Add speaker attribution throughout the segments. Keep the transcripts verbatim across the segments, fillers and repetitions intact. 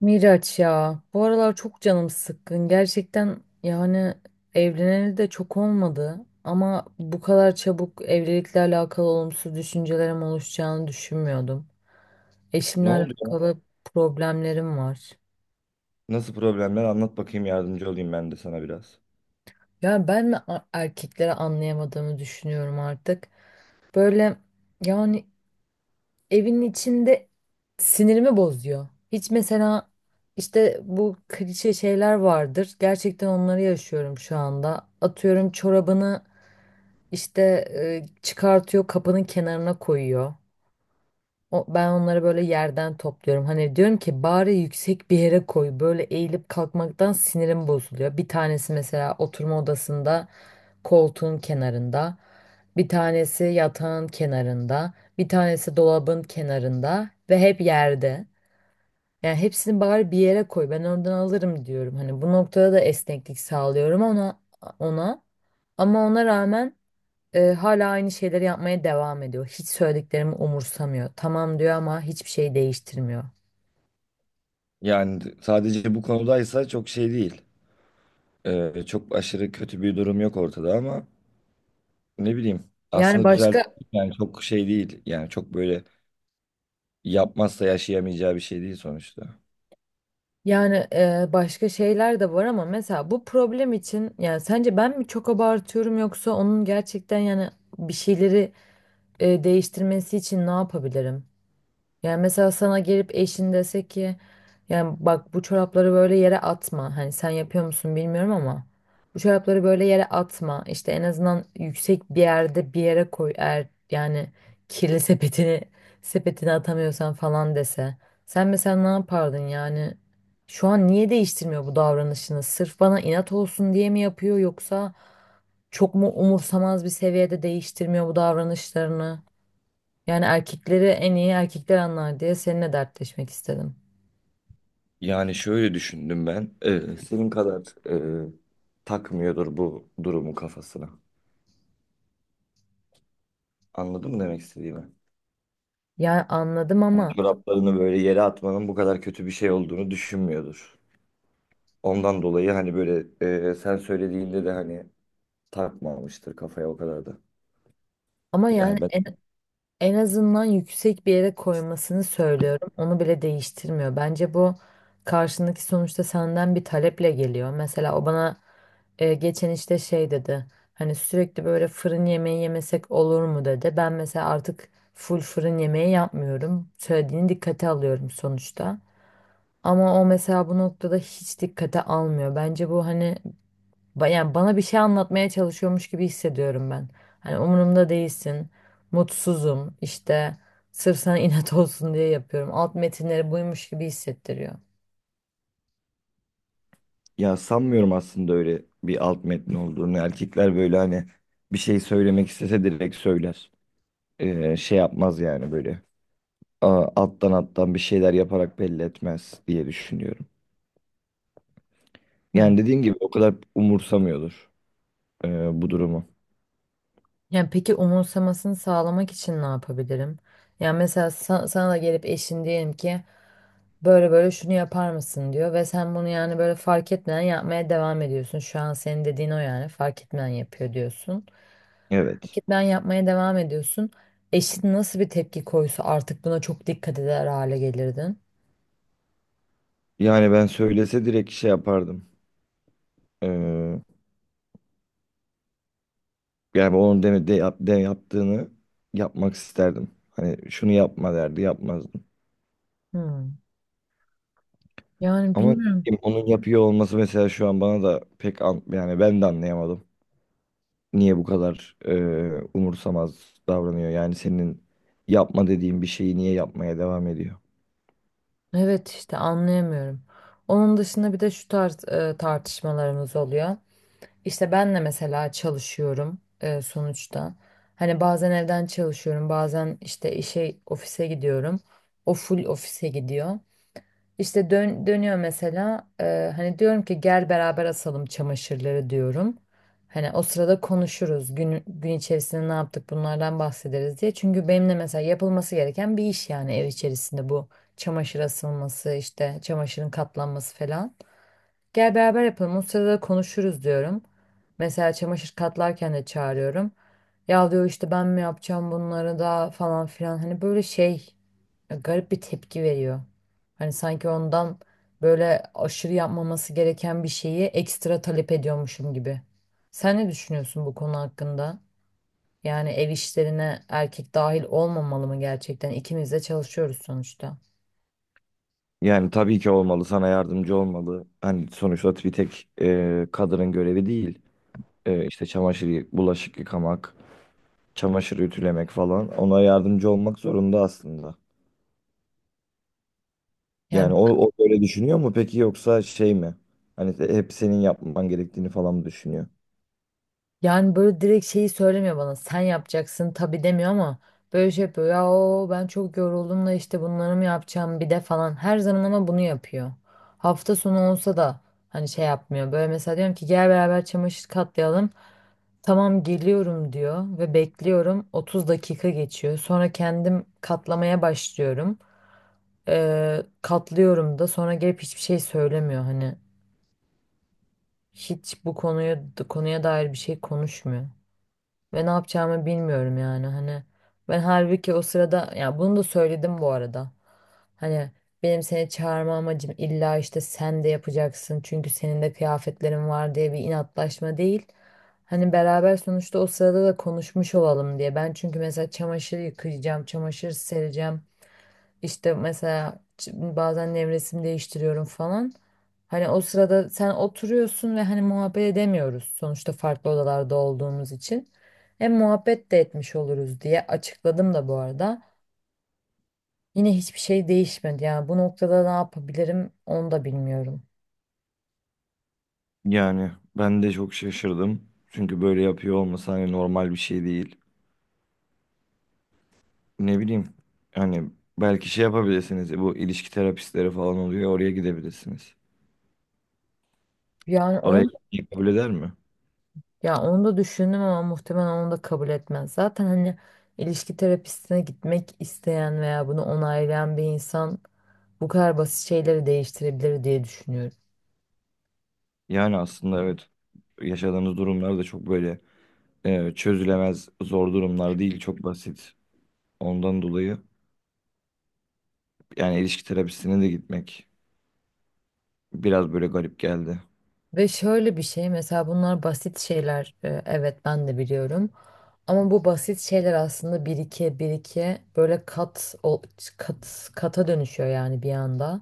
Speaker 1: Miraç ya bu aralar çok canım sıkkın gerçekten yani evleneli de çok olmadı ama bu kadar çabuk evlilikle alakalı olumsuz düşüncelerim oluşacağını düşünmüyordum.
Speaker 2: Ne
Speaker 1: Eşimle
Speaker 2: oldu ya?
Speaker 1: alakalı problemlerim var.
Speaker 2: Nasıl problemler? Anlat bakayım, yardımcı olayım ben de sana biraz.
Speaker 1: Ya ben mi a- erkekleri anlayamadığımı düşünüyorum artık. Böyle yani evin içinde sinirimi bozuyor. Hiç mesela işte bu klişe şeyler vardır. Gerçekten onları yaşıyorum şu anda. Atıyorum çorabını işte e, çıkartıyor, kapının kenarına koyuyor. O, ben onları böyle yerden topluyorum. Hani diyorum ki bari yüksek bir yere koy. Böyle eğilip kalkmaktan sinirim bozuluyor. Bir tanesi mesela oturma odasında koltuğun kenarında, bir tanesi yatağın kenarında, bir tanesi dolabın kenarında ve hep yerde. Yani hepsini bari bir yere koy. Ben oradan alırım diyorum. Hani bu noktada da esneklik sağlıyorum ona ona. Ama ona rağmen e, hala aynı şeyleri yapmaya devam ediyor. Hiç söylediklerimi umursamıyor. Tamam diyor ama hiçbir şey değiştirmiyor.
Speaker 2: Yani d- sadece bu konudaysa çok şey değil. Ee, çok aşırı kötü bir durum yok ortada ama ne bileyim.
Speaker 1: Yani
Speaker 2: Aslında düzelt,
Speaker 1: başka
Speaker 2: yani çok şey değil. Yani çok böyle yapmazsa yaşayamayacağı bir şey değil sonuçta.
Speaker 1: Yani e, başka şeyler de var ama mesela bu problem için yani sence ben mi çok abartıyorum yoksa onun gerçekten yani bir şeyleri e, değiştirmesi için ne yapabilirim? Yani mesela sana gelip eşin dese ki yani bak bu çorapları böyle yere atma. Hani sen yapıyor musun bilmiyorum ama bu çorapları böyle yere atma. İşte en azından yüksek bir yerde bir yere koy eğer yani kirli sepetini sepetini atamıyorsan falan dese. Sen mesela ne yapardın yani? Şu an niye değiştirmiyor bu davranışını? Sırf bana inat olsun diye mi yapıyor yoksa çok mu umursamaz bir seviyede değiştirmiyor bu davranışlarını? Yani erkekleri en iyi erkekler anlar diye seninle dertleşmek istedim.
Speaker 2: Yani şöyle düşündüm ben. Ee, senin kadar e, takmıyordur bu durumu kafasına. Anladın mı demek istediğimi?
Speaker 1: Yani anladım
Speaker 2: Yani
Speaker 1: ama
Speaker 2: çoraplarını böyle yere atmanın bu kadar kötü bir şey olduğunu düşünmüyordur. Ondan dolayı hani böyle e, sen söylediğinde de hani takmamıştır kafaya o kadar da.
Speaker 1: ama yani
Speaker 2: Yani ben
Speaker 1: en, en azından yüksek bir yere koymasını söylüyorum. Onu bile değiştirmiyor. Bence bu karşındaki sonuçta senden bir taleple geliyor. Mesela o bana e, geçen işte şey dedi. Hani sürekli böyle fırın yemeği yemesek olur mu dedi. Ben mesela artık full fırın yemeği yapmıyorum. Söylediğini dikkate alıyorum sonuçta. Ama o mesela bu noktada hiç dikkate almıyor. Bence bu hani Ba- yani bana bir şey anlatmaya çalışıyormuş gibi hissediyorum ben. Hani umurumda değilsin, mutsuzum, işte sırf sana inat olsun diye yapıyorum. Alt metinleri buymuş gibi hissettiriyor.
Speaker 2: ya sanmıyorum aslında öyle bir alt metni olduğunu. Erkekler böyle hani bir şey söylemek istese direkt söyler. E, şey yapmaz yani böyle. A- alttan alttan bir şeyler yaparak belli etmez diye düşünüyorum.
Speaker 1: Hı.
Speaker 2: Yani dediğin gibi o kadar umursamıyordur e, bu durumu.
Speaker 1: Yani peki umursamasını sağlamak için ne yapabilirim? Yani mesela sa- sana da gelip eşin diyelim ki böyle böyle şunu yapar mısın diyor ve sen bunu yani böyle fark etmeden yapmaya devam ediyorsun. Şu an senin dediğin o yani fark etmeden yapıyor diyorsun.
Speaker 2: Evet.
Speaker 1: Fark etmeden yapmaya devam ediyorsun. Eşin nasıl bir tepki koysa artık buna çok dikkat eder hale gelirdin.
Speaker 2: Yani ben söylese direkt şey yapardım. Ee, Yani onun deme, de, yap- de yaptığını yapmak isterdim. Hani şunu yapma derdi yapmazdım.
Speaker 1: Hmm. Yani
Speaker 2: Ama ne
Speaker 1: bilmiyorum.
Speaker 2: bileyim, onun yapıyor olması mesela şu an bana da pek an, yani ben de anlayamadım. Niye bu kadar e, umursamaz davranıyor? Yani senin yapma dediğin bir şeyi niye yapmaya devam ediyor?
Speaker 1: Evet işte anlayamıyorum. Onun dışında bir de şu tarz e, tartışmalarımız oluyor. İşte ben de mesela çalışıyorum e, sonuçta. Hani bazen evden çalışıyorum, bazen işte işe, ofise gidiyorum. O full ofise gidiyor. İşte dön, dönüyor mesela e, hani diyorum ki gel beraber asalım çamaşırları diyorum. Hani o sırada konuşuruz gün, gün içerisinde ne yaptık bunlardan bahsederiz diye. Çünkü benimle mesela yapılması gereken bir iş yani ev içerisinde bu çamaşır asılması işte çamaşırın katlanması falan. Gel beraber yapalım. O sırada konuşuruz diyorum. Mesela çamaşır katlarken de çağırıyorum. Ya diyor işte ben mi yapacağım bunları da falan filan. Hani böyle şey e, garip bir tepki veriyor. Hani sanki ondan böyle aşırı yapmaması gereken bir şeyi ekstra talep ediyormuşum gibi. Sen ne düşünüyorsun bu konu hakkında? Yani ev işlerine erkek dahil olmamalı mı gerçekten? İkimiz de çalışıyoruz sonuçta.
Speaker 2: Yani tabii ki olmalı, sana yardımcı olmalı. Hani sonuçta bir tek e, kadının görevi değil. E, işte çamaşır, yı- bulaşık yıkamak, çamaşır ütülemek falan. Ona yardımcı olmak zorunda aslında.
Speaker 1: Yani
Speaker 2: Yani o, o böyle düşünüyor mu peki yoksa şey mi? Hani de- hep senin yapman gerektiğini falan mı düşünüyor?
Speaker 1: Yani böyle direkt şeyi söylemiyor bana. Sen yapacaksın tabii demiyor ama böyle şey yapıyor. Ya o ben çok yoruldum da işte bunları mı yapacağım bir de falan. Her zaman ama bunu yapıyor. Hafta sonu olsa da hani şey yapmıyor. Böyle mesela diyorum ki gel beraber çamaşır katlayalım. Tamam geliyorum diyor ve bekliyorum. Otuz dakika geçiyor. Sonra kendim katlamaya başlıyorum. Ee, katlıyorum da sonra gelip hiçbir şey söylemiyor. Hani hiç bu konuya konuya dair bir şey konuşmuyor ve ne yapacağımı bilmiyorum yani hani ben halbuki o sırada ya bunu da söyledim bu arada hani benim seni çağırma amacım illa işte sen de yapacaksın çünkü senin de kıyafetlerin var diye bir inatlaşma değil hani beraber sonuçta o sırada da konuşmuş olalım diye ben çünkü mesela çamaşır yıkayacağım çamaşır sereceğim işte mesela ç- bazen nevresim değiştiriyorum falan. Hani o sırada sen oturuyorsun ve hani muhabbet edemiyoruz sonuçta farklı odalarda olduğumuz için. Hem muhabbet de etmiş oluruz diye açıkladım da bu arada. Yine hiçbir şey değişmedi. Yani bu noktada ne yapabilirim onu da bilmiyorum.
Speaker 2: Yani ben de çok şaşırdım. Çünkü böyle yapıyor olması hani normal bir şey değil. Ne bileyim, hani belki şey yapabilirsiniz, bu ilişki terapistleri falan oluyor, oraya gidebilirsiniz.
Speaker 1: Yani
Speaker 2: Oraya
Speaker 1: onu,
Speaker 2: gitmeyi kabul eder mi?
Speaker 1: Ya onu da düşündüm ama muhtemelen onu da kabul etmez. Zaten hani ilişki terapistine gitmek isteyen veya bunu onaylayan bir insan bu kadar basit şeyleri değiştirebilir diye düşünüyorum.
Speaker 2: Yani aslında evet, yaşadığınız durumlar da çok böyle e, çözülemez zor durumlar değil, çok basit. Ondan dolayı yani ilişki terapisine de gitmek biraz böyle garip geldi.
Speaker 1: Ve şöyle bir şey mesela bunlar basit şeyler e, evet ben de biliyorum. Ama bu basit şeyler aslında birike birike böyle kat ol- kat kata dönüşüyor yani bir anda.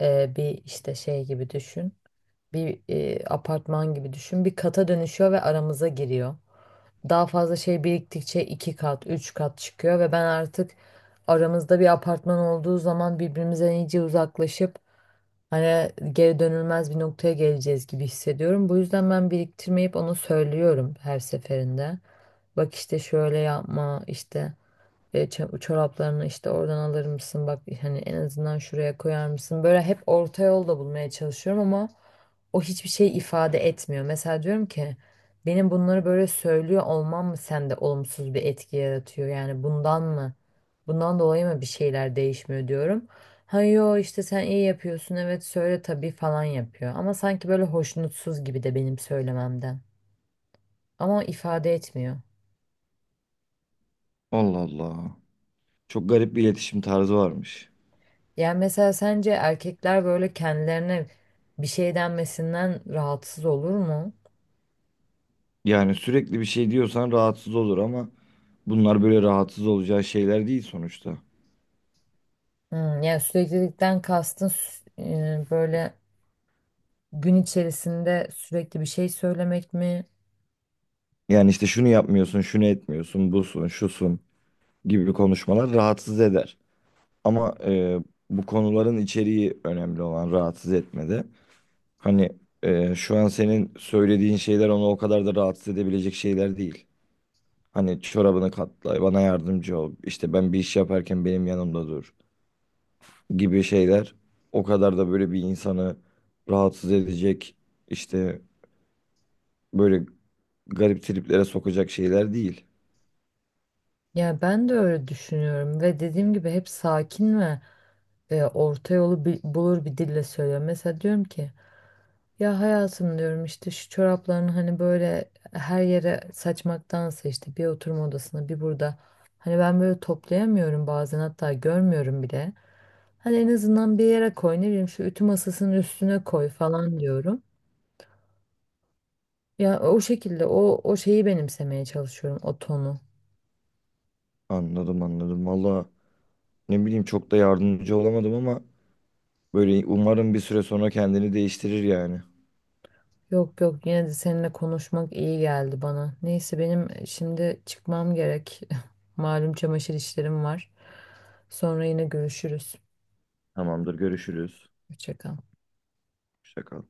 Speaker 1: E, bir işte şey gibi düşün. Bir e, apartman gibi düşün. Bir kata dönüşüyor ve aramıza giriyor. Daha fazla şey biriktikçe iki kat, üç kat çıkıyor ve ben artık aramızda bir apartman olduğu zaman birbirimize iyice uzaklaşıp hani geri dönülmez bir noktaya geleceğiz gibi hissediyorum. Bu yüzden ben biriktirmeyip ona söylüyorum her seferinde. Bak işte şöyle yapma işte e, ça- çoraplarını işte oradan alır mısın? Bak hani en azından şuraya koyar mısın? Böyle hep orta yol da bulmaya çalışıyorum ama o hiçbir şey ifade etmiyor. Mesela diyorum ki benim bunları böyle söylüyor olmam mı sende olumsuz bir etki yaratıyor? Yani bundan mı? Bundan dolayı mı bir şeyler değişmiyor diyorum. Ha yo işte sen iyi yapıyorsun evet söyle tabii falan yapıyor. Ama sanki böyle hoşnutsuz gibi de benim söylememden. Ama ifade etmiyor.
Speaker 2: Allah Allah. Çok garip bir iletişim tarzı varmış.
Speaker 1: Yani mesela sence erkekler böyle kendilerine bir şey denmesinden rahatsız olur mu?
Speaker 2: Yani sürekli bir şey diyorsan rahatsız olur ama bunlar böyle rahatsız olacağı şeyler değil sonuçta.
Speaker 1: Hmm, yani süreklilikten kastın sü- e, böyle gün içerisinde sürekli bir şey söylemek mi?
Speaker 2: Yani işte şunu yapmıyorsun, şunu etmiyorsun, busun, şusun gibi konuşmalar rahatsız eder. Ama e, bu konuların içeriği önemli olan rahatsız etmede. Hani e, şu an senin söylediğin şeyler onu o kadar da rahatsız edebilecek şeyler değil. Hani çorabını katla, bana yardımcı ol, işte ben bir iş yaparken benim yanımda dur gibi şeyler o kadar da böyle bir insanı rahatsız edecek, işte böyle garip triplere sokacak şeyler değil.
Speaker 1: Ya ben de öyle düşünüyorum ve dediğim gibi hep sakin ve e, orta yolu bi- bulur bir dille söylüyor. Mesela diyorum ki ya hayatım diyorum işte şu çoraplarını hani böyle her yere saçmaktansa işte bir oturma odasına bir burada. Hani ben böyle toplayamıyorum bazen hatta görmüyorum bile. Hani en azından bir yere koy ne bileyim şu ütü masasının üstüne koy falan diyorum. Ya o şekilde o o şeyi benimsemeye çalışıyorum o tonu.
Speaker 2: Anladım anladım. Valla ne bileyim, çok da yardımcı olamadım ama böyle umarım bir süre sonra kendini değiştirir yani.
Speaker 1: Yok yok yine de seninle konuşmak iyi geldi bana. Neyse benim şimdi çıkmam gerek. Malum çamaşır işlerim var. Sonra yine görüşürüz.
Speaker 2: Tamamdır, görüşürüz.
Speaker 1: Hoşça kal.
Speaker 2: Hoşça kal.